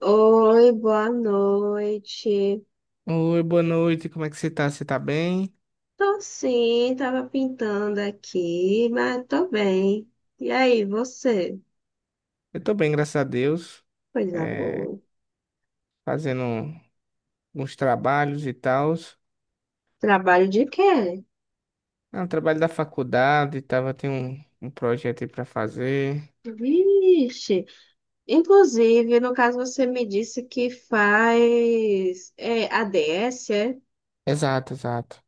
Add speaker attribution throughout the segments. Speaker 1: Oi, boa noite.
Speaker 2: Oi, boa noite, como é que você tá? Você tá bem?
Speaker 1: Tô sim, tava pintando aqui, mas tô bem. E aí, você?
Speaker 2: Eu tô bem, graças a Deus.
Speaker 1: Coisa
Speaker 2: É,
Speaker 1: boa.
Speaker 2: fazendo uns trabalhos e tals.
Speaker 1: Trabalho de quê?
Speaker 2: Ah, um trabalho da faculdade, tava, tem um projeto aí pra fazer.
Speaker 1: Vixe. Inclusive, no caso, você me disse que faz ADS, é?
Speaker 2: Exato, exato.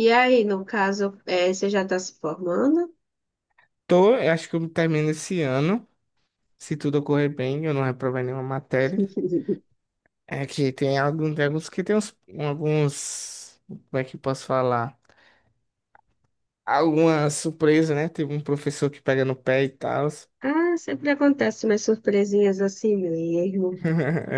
Speaker 1: E aí, no caso, você já tá se formando?
Speaker 2: Tô, eu acho que eu termino esse ano, se tudo ocorrer bem, eu não reprovei nenhuma matéria. É que tem alguns, que tem uns, alguns, como é que eu posso falar? Alguma surpresa, né? Teve um professor que pega no pé e tal.
Speaker 1: Ah, sempre acontece umas surpresinhas assim mesmo.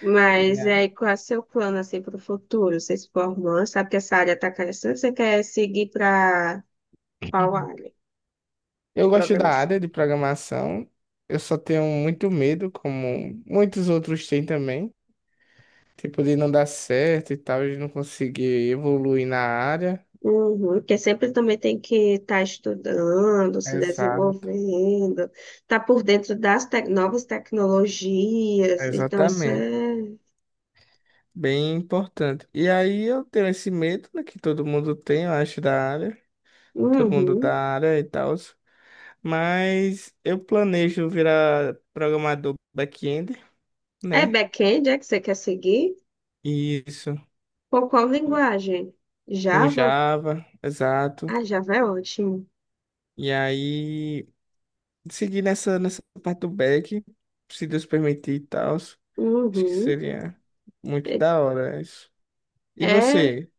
Speaker 1: Mas aí,
Speaker 2: É.
Speaker 1: qual é o seu plano assim para o futuro? Você se formando, sabe que essa área está crescendo, você quer seguir para qual área de
Speaker 2: Eu gosto da
Speaker 1: programação?
Speaker 2: área de programação, eu só tenho muito medo, como muitos outros têm também, tipo de não dar certo e tal, de não conseguir evoluir na área.
Speaker 1: Uhum, porque sempre também tem que estar estudando, se
Speaker 2: Exato,
Speaker 1: desenvolvendo, estar por dentro das novas tecnologias. Então, isso
Speaker 2: exatamente.
Speaker 1: é.
Speaker 2: Bem importante. E aí eu tenho esse medo, né, que todo mundo tem, eu acho, da área, todo mundo da
Speaker 1: Uhum.
Speaker 2: área e tal, mas eu planejo virar programador back-end,
Speaker 1: É
Speaker 2: né?
Speaker 1: back-end, é que você quer seguir?
Speaker 2: Isso,
Speaker 1: Por qual linguagem?
Speaker 2: com
Speaker 1: Java?
Speaker 2: Java, exato.
Speaker 1: Ah, Java é ótimo.
Speaker 2: E aí, seguir nessa, parte do back, se Deus permitir e tal. Acho que
Speaker 1: Uhum.
Speaker 2: seria muito
Speaker 1: É,
Speaker 2: da hora isso. E
Speaker 1: é
Speaker 2: você?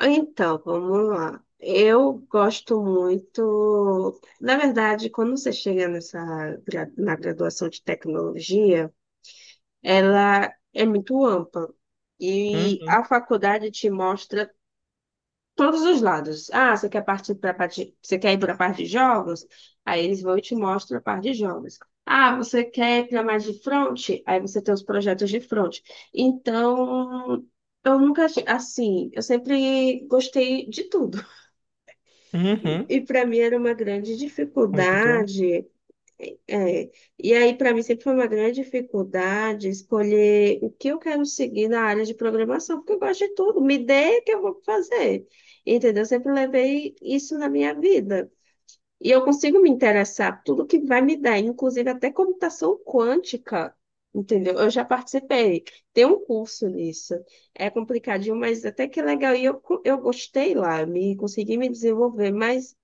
Speaker 1: Então, vamos lá. Eu gosto muito. Na verdade, quando você chega nessa, na graduação de tecnologia, ela é muito ampla. E
Speaker 2: Uhum.
Speaker 1: a faculdade te mostra todos os lados. Ah, você quer partir para parte, você quer ir para a parte de jogos? Aí eles vão e te mostram a parte de jogos. Ah, você quer ir para mais de front? Aí você tem os projetos de front. Então, eu nunca, assim, eu sempre gostei de tudo. E,
Speaker 2: Uhum.
Speaker 1: e para mim era uma grande
Speaker 2: Muito.
Speaker 1: dificuldade, é, e aí para mim sempre foi uma grande dificuldade escolher o que eu quero seguir na área de programação, porque eu gosto de tudo, me dê que eu vou fazer, entendeu? Eu sempre levei isso na minha vida. E eu consigo me interessar por tudo que vai me dar, inclusive até computação quântica, entendeu? Eu já participei, tem um curso nisso. É complicadinho, mas até que é legal. E eu gostei lá, me consegui me desenvolver, mas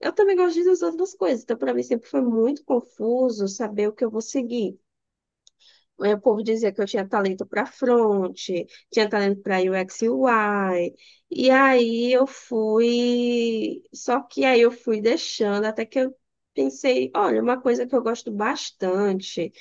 Speaker 1: eu também gosto das outras coisas, então para mim sempre foi muito confuso saber o que eu vou seguir. Aí o povo dizia que eu tinha talento para front, tinha talento para UX e UI. E aí eu fui, só que aí eu fui deixando até que eu pensei, olha, uma coisa que eu gosto bastante.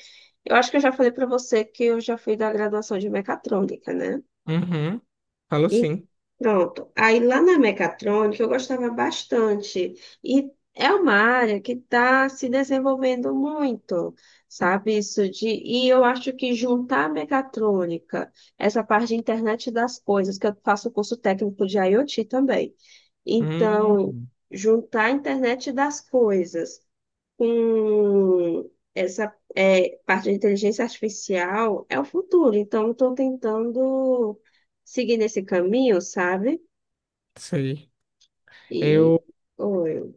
Speaker 1: Eu acho que eu já falei para você que eu já fui da graduação de mecatrônica, né?
Speaker 2: Uhum. Falou
Speaker 1: E
Speaker 2: sim.
Speaker 1: pronto. Aí lá na mecatrônica eu gostava bastante. E é uma área que está se desenvolvendo muito, sabe? Isso de. E eu acho que juntar a mecatrônica, essa parte de internet das coisas, que eu faço curso técnico de IoT também. Então,
Speaker 2: Uhum.
Speaker 1: juntar a internet das coisas com essa parte de inteligência artificial é o futuro. Então, eu estou tentando seguir nesse caminho, sabe?
Speaker 2: Sei.
Speaker 1: E.
Speaker 2: Eu,
Speaker 1: Oi.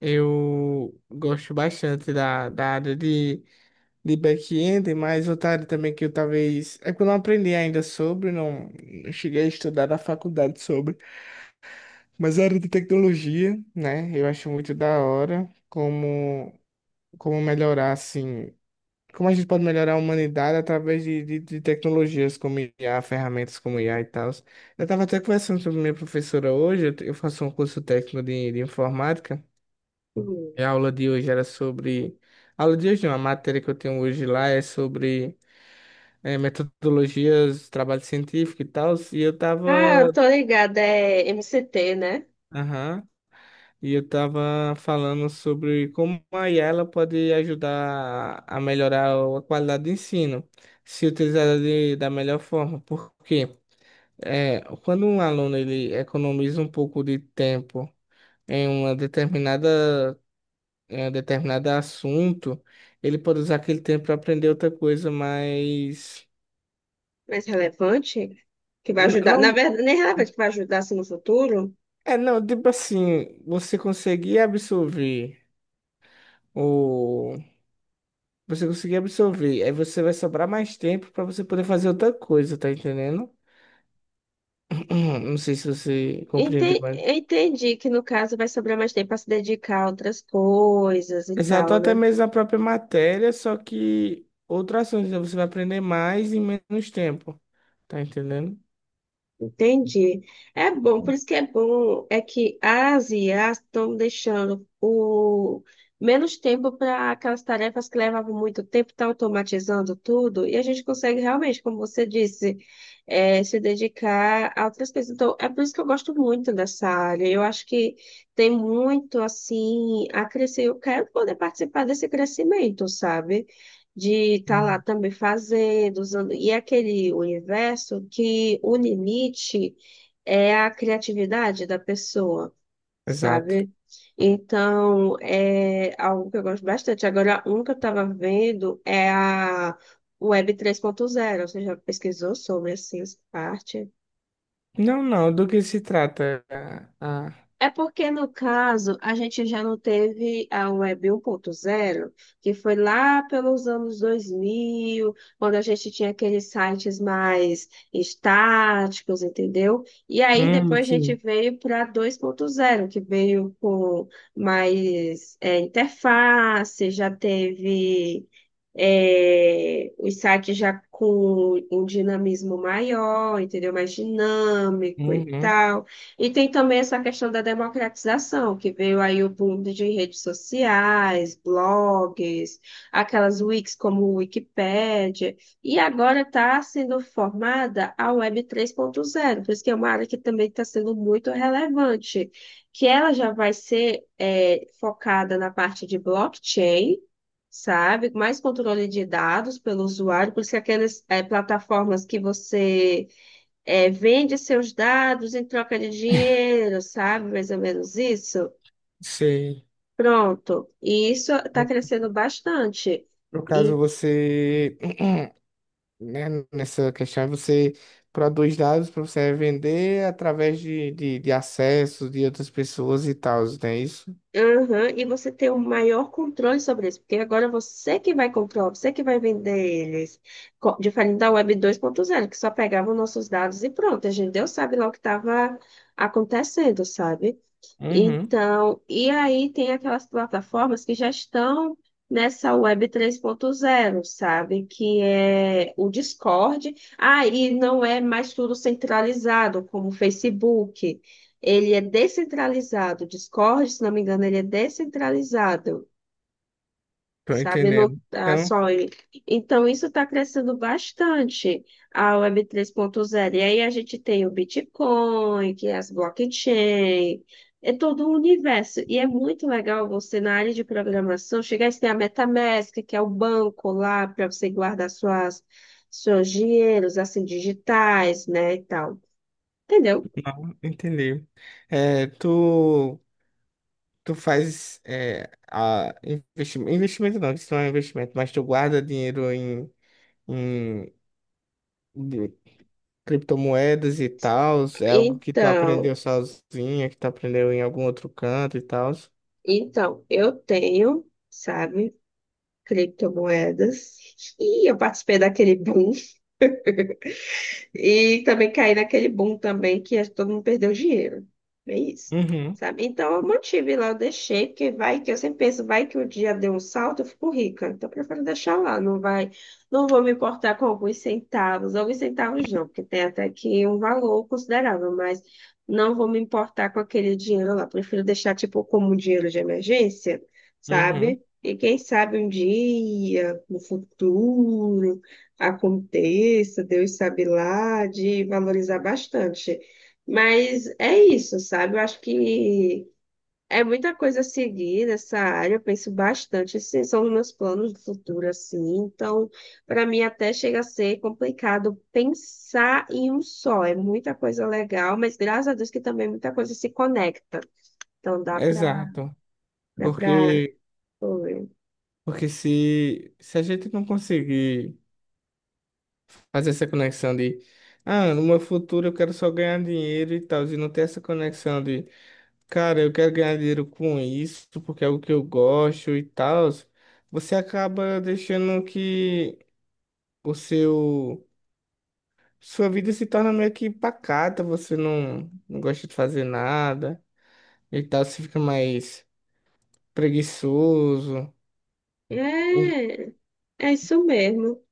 Speaker 2: eu gosto bastante da, área de back-end, mas outra área também que eu talvez. É que eu não aprendi ainda sobre, não cheguei a estudar na faculdade sobre. Mas a área de tecnologia, né? Eu acho muito da hora como, como melhorar, assim, como a gente pode melhorar a humanidade através de tecnologias como IA, ferramentas como IA e tal. Eu estava até conversando sobre minha professora hoje, eu faço um curso técnico de, informática,
Speaker 1: Hum.
Speaker 2: e a aula de hoje era sobre. A aula de hoje, não, a matéria que eu tenho hoje lá é sobre metodologias, trabalho científico e tal, e eu
Speaker 1: Ah,
Speaker 2: estava.
Speaker 1: eu tô ligada, é MCT, né?
Speaker 2: E eu tava falando sobre como a IA ela pode ajudar a melhorar a qualidade do ensino, se utilizada de, da melhor forma. Porque é, quando um aluno ele economiza um pouco de tempo em uma determinada, em um determinado assunto, ele pode usar aquele tempo para aprender outra coisa, mas
Speaker 1: Mais relevante, que vai
Speaker 2: n-
Speaker 1: ajudar. Na
Speaker 2: não,
Speaker 1: verdade, nem relevante, que vai ajudar assim, no futuro.
Speaker 2: não, tipo assim, você conseguir absorver o. Você conseguir absorver. Aí você vai sobrar mais tempo para você poder fazer outra coisa, tá entendendo? Não sei se você compreendeu, mas.
Speaker 1: Eu entendi que no caso vai sobrar mais tempo para se dedicar a outras coisas e
Speaker 2: Exato,
Speaker 1: tal,
Speaker 2: até
Speaker 1: né?
Speaker 2: mesmo a própria matéria, só que outro assunto, então você vai aprender mais em menos tempo, tá entendendo?
Speaker 1: Entendi. É bom, por isso que é bom, é que as IAs estão deixando o menos tempo para aquelas tarefas que levavam muito tempo, está automatizando tudo, e a gente consegue realmente, como você disse, se dedicar a outras coisas. Então, é por isso que eu gosto muito dessa área. Eu acho que tem muito assim a crescer. Eu quero poder participar desse crescimento, sabe? De estar lá
Speaker 2: Hum.
Speaker 1: também fazendo, usando. E é aquele universo que o limite é a criatividade da pessoa,
Speaker 2: Exato.
Speaker 1: sabe? Então, é algo que eu gosto bastante. Agora, um que eu estava vendo é a Web 3.0. Você já pesquisou sobre essa parte?
Speaker 2: Não, não, do que se trata? A... a-.
Speaker 1: É porque, no caso, a gente já não teve a Web 1.0, que foi lá pelos anos 2000, quando a gente tinha aqueles sites mais estáticos, entendeu? E aí depois a gente
Speaker 2: Sim.
Speaker 1: veio para 2.0, que veio com mais interface, já teve os sites já com um dinamismo maior, entendeu? Mais dinâmico e
Speaker 2: Uhum,
Speaker 1: tal. E tem também essa questão da democratização, que veio aí o boom de redes sociais, blogs, aquelas wikis como o Wikipédia, e agora está sendo formada a Web 3.0, por isso que é uma área que também está sendo muito relevante, que ela já vai ser focada na parte de blockchain, sabe? Mais controle de dados pelo usuário, por isso que aquelas plataformas que você vende seus dados em troca de dinheiro, sabe? Mais ou menos isso.
Speaker 2: sei.
Speaker 1: Pronto. E isso está
Speaker 2: No
Speaker 1: crescendo bastante.
Speaker 2: no caso,
Speaker 1: E,
Speaker 2: você né, nessa questão é você produz dados para você vender através de acessos de outras pessoas e tal, não é isso?
Speaker 1: aham, e você tem um maior controle sobre isso, porque agora você que vai comprar, você que vai vender eles. Diferente da Web 2.0, que só pegava os nossos dados e pronto. A gente Deus sabe lá o que estava acontecendo, sabe?
Speaker 2: Uhum,
Speaker 1: Então, e aí tem aquelas plataformas que já estão nessa web 3.0, sabe? Que é o Discord. Aí não é mais tudo centralizado, como o Facebook. Ele é descentralizado. O Discord, se não me engano, ele é descentralizado,
Speaker 2: tô
Speaker 1: sabe? Não
Speaker 2: entendendo.
Speaker 1: tá
Speaker 2: Então,
Speaker 1: só ele. Então, isso está crescendo bastante, a Web 3.0. E aí a gente tem o Bitcoin, que é as blockchain, é todo o universo. E é muito legal você, na área de programação, chegar e ter a MetaMask, que é o banco lá para você guardar suas, seus dinheiros, assim, digitais, né, e tal. Entendeu?
Speaker 2: entendi. É, tu, tu faz é, a investimento, investimento não, isso não é um investimento, mas tu guarda dinheiro em, em de- criptomoedas e tal, é algo que tu
Speaker 1: Então,
Speaker 2: aprendeu sozinha, que tu aprendeu em algum outro canto e tal.
Speaker 1: então, eu tenho, sabe, criptomoedas. E eu participei daquele boom. E também caí naquele boom também que todo mundo perdeu dinheiro. É isso,
Speaker 2: Uhum,
Speaker 1: sabe? Então eu mantive lá, eu deixei, porque vai que eu sempre penso, vai que o dia deu um salto, eu fico rica. Então eu prefiro deixar lá, não vou me importar com alguns centavos não, porque tem até que um valor considerável, mas não vou me importar com aquele dinheiro lá. Prefiro deixar tipo como um dinheiro de emergência,
Speaker 2: uhum,
Speaker 1: sabe? E quem sabe um dia, no futuro aconteça, Deus sabe lá, de valorizar bastante. Mas é isso, sabe? Eu acho que é muita coisa a seguir nessa área, eu penso bastante. Esses são os meus planos de futuro, assim. Então, para mim, até chega a ser complicado pensar em um só. É muita coisa legal, mas graças a Deus que também muita coisa se conecta. Então, dá para.
Speaker 2: exato.
Speaker 1: Dá para
Speaker 2: Porque,
Speaker 1: Oi.
Speaker 2: porque se a gente não conseguir fazer essa conexão de, ah, no meu futuro eu quero só ganhar dinheiro e tal, e não ter essa conexão de, cara, eu quero ganhar dinheiro com isso, porque é o que eu gosto e tal, você acaba deixando que o seu, sua vida se torna meio que pacata, você não, não gosta de fazer nada e tal, você fica mais preguiçoso. E-.
Speaker 1: É, é isso mesmo.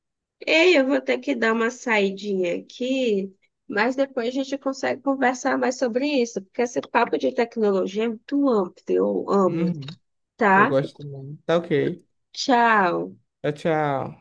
Speaker 1: Ei, eu vou ter que dar uma saidinha aqui, mas depois a gente consegue conversar mais sobre isso, porque esse papo de tecnologia é muito amplo, eu amo,
Speaker 2: Uhum, eu
Speaker 1: tá?
Speaker 2: gosto também. Tá ok.
Speaker 1: Tchau.
Speaker 2: Tchau, tchau.